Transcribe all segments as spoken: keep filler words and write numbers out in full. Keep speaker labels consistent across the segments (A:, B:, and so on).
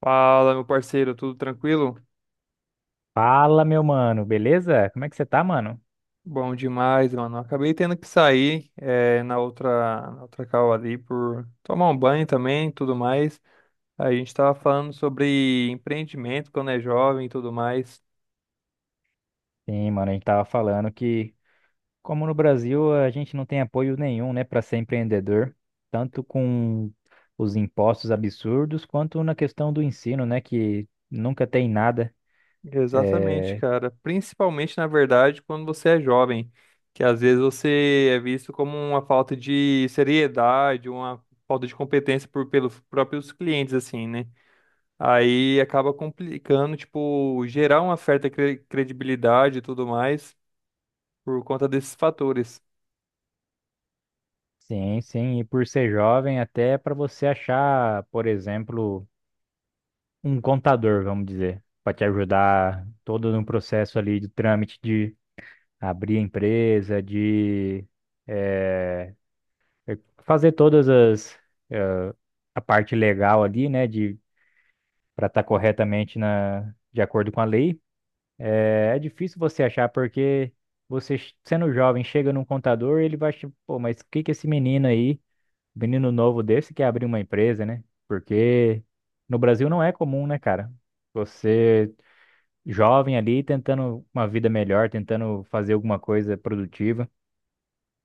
A: Fala, meu parceiro, tudo tranquilo?
B: Fala, meu mano, beleza? Como é que você tá, mano?
A: Bom demais, mano. Acabei tendo que sair eh, na outra, na outra call ali por tomar um banho também, e tudo mais. A gente tava falando sobre empreendimento quando é jovem e tudo mais.
B: Sim, mano, a gente tava falando que, como no Brasil, a gente não tem apoio nenhum, né, pra ser empreendedor, tanto com os impostos absurdos, quanto na questão do ensino, né, que nunca tem nada.
A: Exatamente,
B: É,
A: cara. Principalmente, na verdade, quando você é jovem, que às vezes você é visto como uma falta de seriedade, uma falta de competência por, pelos próprios clientes, assim, né? Aí acaba complicando, tipo, gerar uma certa cre- credibilidade e tudo mais por conta desses fatores.
B: sim, sim, e por ser jovem, até pra você achar, por exemplo, um contador, vamos dizer, pra te ajudar todo no processo ali do trâmite de abrir a empresa, de. é, É, fazer todas as eh, a parte legal ali, né, de para estar corretamente na de acordo com a lei. É, é difícil você achar porque você ch- sendo jovem chega num contador, ele vai achar, pô, mas o que que esse menino aí, menino novo desse, quer abrir uma empresa, né? Porque no Brasil não é comum, né, cara? Você jovem ali tentando uma vida melhor, tentando fazer alguma coisa produtiva.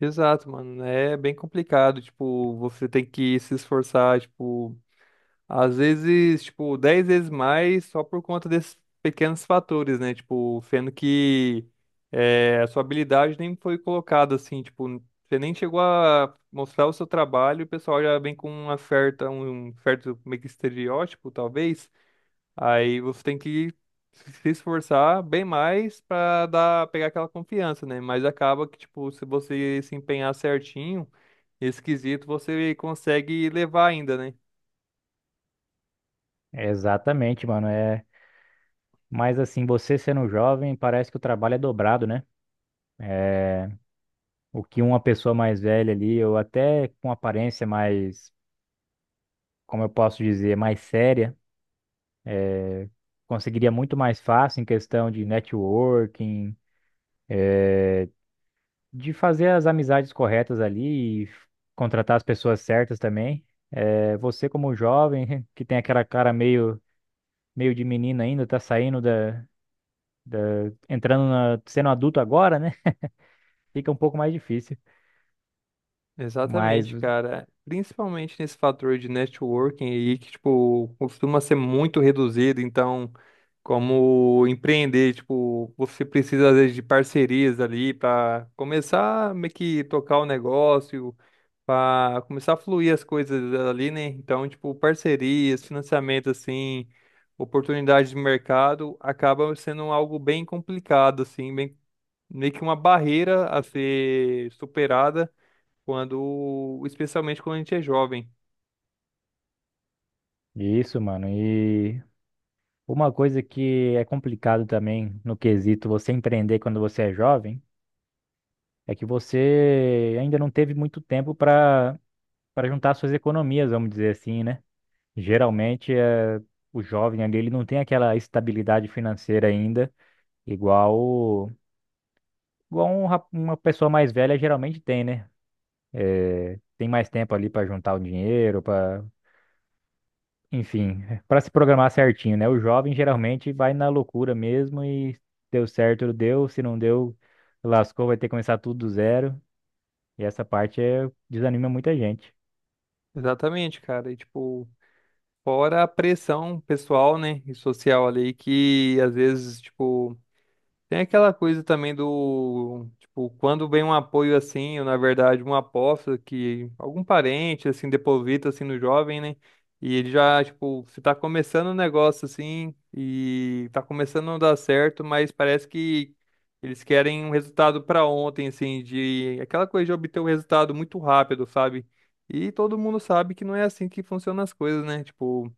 A: Exato, mano. Né? É bem complicado, tipo, você tem que se esforçar, tipo, às vezes, tipo, dez vezes mais só por conta desses pequenos fatores, né? Tipo, sendo que eh, a sua habilidade nem foi colocada assim, tipo, você nem chegou a mostrar o seu trabalho, e o pessoal já vem com uma certa, um certo meio que estereótipo, talvez. Aí você tem que se esforçar bem mais pra dar, pegar aquela confiança, né? Mas acaba que, tipo, se você se empenhar certinho, esse quesito você consegue levar ainda, né?
B: É Exatamente, mano. é Mas assim, você sendo jovem, parece que o trabalho é dobrado, né? O que uma pessoa mais velha ali, ou até com aparência mais, como eu posso dizer, mais séria, conseguiria muito mais fácil em questão de networking, de fazer as amizades corretas ali e contratar as pessoas certas também. É, você como jovem, que tem aquela cara meio, meio, de menina ainda, tá saindo da, da, entrando na, sendo adulto agora, né? Fica um pouco mais difícil. Mas
A: Exatamente, cara. Principalmente nesse fator de networking aí, que, tipo, costuma ser muito reduzido. Então, como empreender, tipo, você precisa, às vezes, de parcerias ali para começar a meio que tocar o negócio para começar a fluir as coisas ali, né? Então, tipo, parcerias, financiamento, assim, oportunidades de mercado, acaba sendo algo bem complicado, assim, bem, meio que uma barreira a ser superada quando, especialmente quando a gente é jovem.
B: isso, mano. e Uma coisa que é complicado também no quesito você empreender quando você é jovem é que você ainda não teve muito tempo para para juntar suas economias, vamos dizer assim, né? Geralmente é, o jovem ali, ele não tem aquela estabilidade financeira ainda, igual igual um rap- uma pessoa mais velha geralmente tem, né? Tem mais tempo ali para juntar o dinheiro, para, enfim, para se programar certinho, né? O jovem geralmente vai na loucura mesmo. E deu certo, deu; se não deu, lascou, vai ter que começar tudo do zero. E essa parte é, desanima muita gente.
A: Exatamente, cara. E, tipo, fora a pressão pessoal, né, e social ali, que às vezes, tipo, tem aquela coisa também do, tipo, quando vem um apoio assim, ou na verdade uma aposta que algum parente, assim, deposita, assim, no jovem, né? E ele já, tipo, se tá começando um negócio assim, e tá começando a não dar certo, mas parece que eles querem um resultado pra ontem, assim, de aquela coisa de obter um resultado muito rápido, sabe? E todo mundo sabe que não é assim que funcionam as coisas, né? Tipo,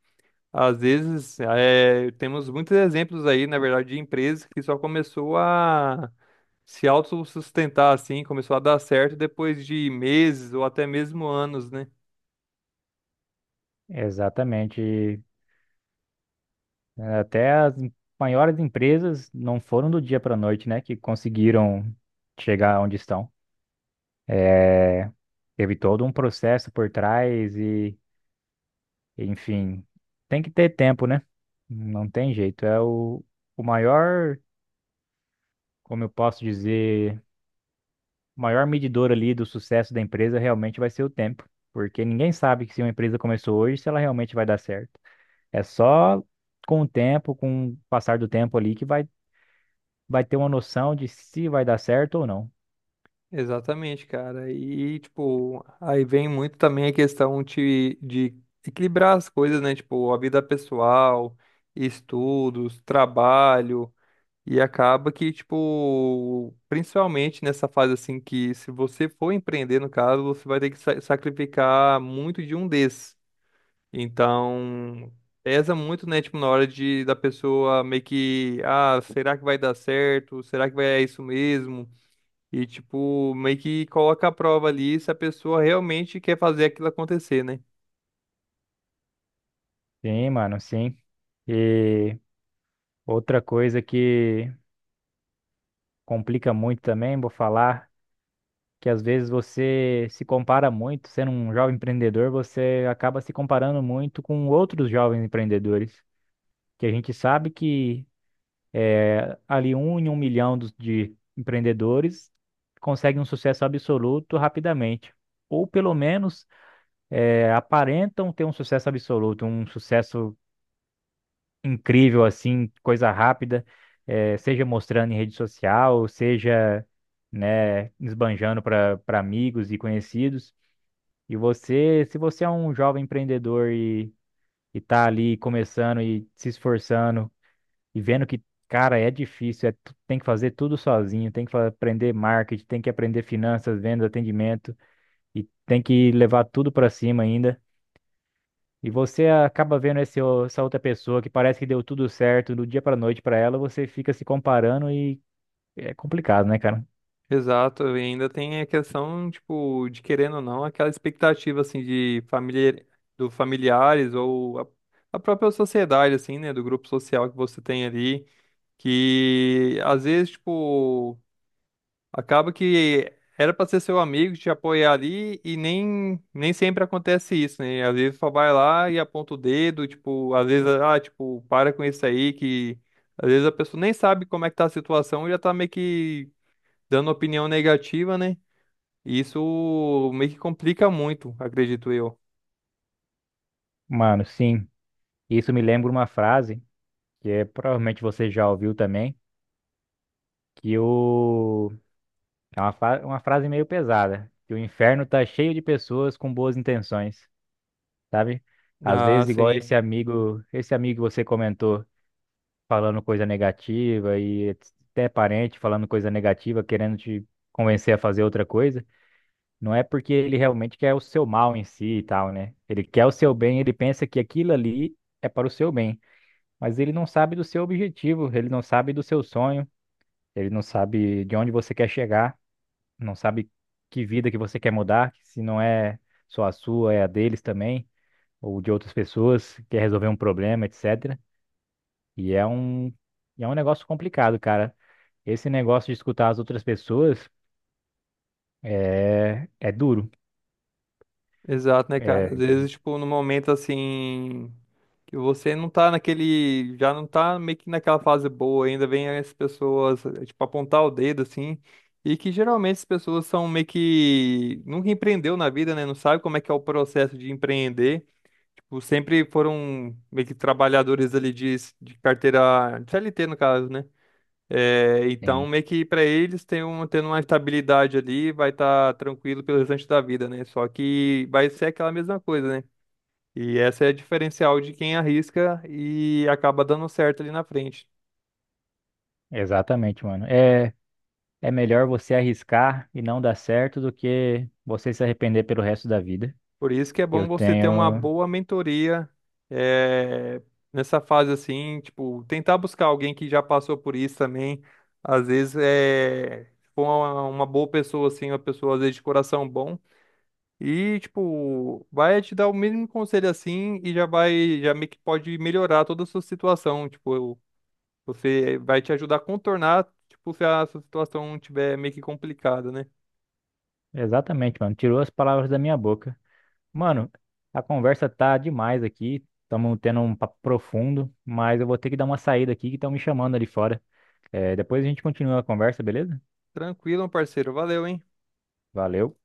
A: às vezes, é, temos muitos exemplos aí, na verdade, de empresas que só começou a se autossustentar assim, começou a dar certo depois de meses ou até mesmo anos, né?
B: Exatamente. Até as em- maiores empresas não foram do dia para a noite, né? Que conseguiram chegar onde estão. É, teve todo um processo por trás e, enfim, tem que ter tempo, né? Não tem jeito. É o, o maior. Como eu posso dizer, o maior medidor ali do sucesso da empresa realmente vai ser o tempo, porque ninguém sabe que se uma empresa começou hoje, se ela realmente vai dar certo. É só com o tempo, com o passar do tempo ali, que vai vai ter uma noção de se vai dar certo ou não.
A: Exatamente, cara. E, tipo, aí vem muito também a questão de, de equilibrar as coisas, né? Tipo, a vida pessoal, estudos, trabalho. E acaba que, tipo, principalmente nessa fase assim que se você for empreender, no caso, você vai ter que sa- sacrificar muito de um desses. Então, pesa muito, né, tipo, na hora de da pessoa meio que, ah, será que vai dar certo? Será que vai é isso mesmo? E tipo, meio que coloca a prova ali se a pessoa realmente quer fazer aquilo acontecer, né?
B: Sim, mano, sim. E outra coisa que complica muito também, vou falar, que às vezes você se compara muito, sendo um jovem empreendedor. Você acaba se comparando muito com outros jovens empreendedores, que a gente sabe que ali um em um milhão dos- de empreendedores conseguem um sucesso absoluto rapidamente. Ou pelo menos eh, aparentam ter um sucesso absoluto, um sucesso incrível, assim, coisa rápida, eh, seja mostrando em rede social, seja, né, esbanjando para para amigos e conhecidos. E você, se você é um jovem empreendedor e está ali começando e se esforçando, e vendo que, cara, é difícil, é, tu- tem que fazer tudo sozinho, tem que fa- aprender marketing, tem que aprender finanças, vendas, atendimento, e tem que levar tudo pra cima ainda. E você acaba vendo esse o- essa outra pessoa que parece que deu tudo certo do dia pra noite pra ela. Você fica se comparando e é complicado, né, cara?
A: Exato, e ainda tem a questão, tipo, de querendo ou não, aquela expectativa, assim, de familiar, do familiares ou a, a própria sociedade, assim, né, do grupo social que você tem ali, que às vezes, tipo, acaba que era pra ser seu amigo, te apoiar ali e nem, nem sempre acontece isso, né, às vezes só vai lá e aponta o dedo, tipo, às vezes, ah, tipo, para com isso aí, que às vezes a pessoa nem sabe como é que tá a situação e já tá meio que dando opinião negativa, né? E isso meio que complica muito, acredito eu.
B: Mano, sim. Isso me lembra uma frase que, é, provavelmente você já ouviu também, que o é uma, fa- uma frase meio pesada, que o inferno tá cheio de pessoas com boas intenções. Sabe? Às
A: Ah,
B: vezes, igual
A: sim.
B: esse amigo, esse amigo que você comentou falando coisa negativa, e até parente falando coisa negativa, querendo te convencer a fazer outra coisa, não é porque ele realmente quer o seu mal em si e tal, né? Ele quer o seu bem, ele pensa que aquilo ali é para o seu bem, mas ele não sabe do seu objetivo, ele não sabe do seu sonho, ele não sabe de onde você quer chegar, não sabe que vida que você quer mudar, se não é só a sua, é a deles também ou de outras pessoas, quer resolver um problema, etcétera. E é um, e é um negócio complicado, cara. Esse negócio de escutar as outras pessoas é, é duro.
A: Exato, né, cara? Às
B: É,
A: vezes, tipo, no momento assim, que você não tá naquele, já não tá meio que naquela fase boa, ainda vem as pessoas, eh, tipo, apontar o dedo assim, e que geralmente as pessoas são meio que nunca empreendeu na vida, né? Não sabe como é que é o processo de empreender. Tipo, sempre foram meio que trabalhadores ali de, de carteira, de C L T no caso, né? É, então,
B: sim,
A: meio que para eles tem um, tendo uma estabilidade ali, vai estar tranquilo pelo restante da vida, né? Só que vai ser aquela mesma coisa, né? E essa é a diferencial de quem arrisca e acaba dando certo ali na frente.
B: exatamente, mano. É, é melhor você arriscar e não dar certo do que você se arrepender pelo resto da vida.
A: Por isso que é
B: Eu
A: bom você ter uma
B: tenho.
A: boa mentoria, é, nessa fase assim, tipo, tentar buscar alguém que já passou por isso também. Às vezes é se for uma, uma boa pessoa, assim, uma pessoa às vezes de coração bom. E, tipo, vai te dar o mínimo conselho assim e já vai, já meio que pode melhorar toda a sua situação. Tipo, você vai te ajudar a contornar, tipo, se a sua situação tiver meio que complicada, né?
B: Exatamente, mano. Tirou as palavras da minha boca. Mano, a conversa tá demais aqui. Estamos tendo um papo profundo, mas eu vou ter que dar uma saída aqui que estão me chamando ali fora. É, depois a gente continua a conversa, beleza?
A: Tranquilo, meu parceiro. Valeu, hein?
B: Valeu.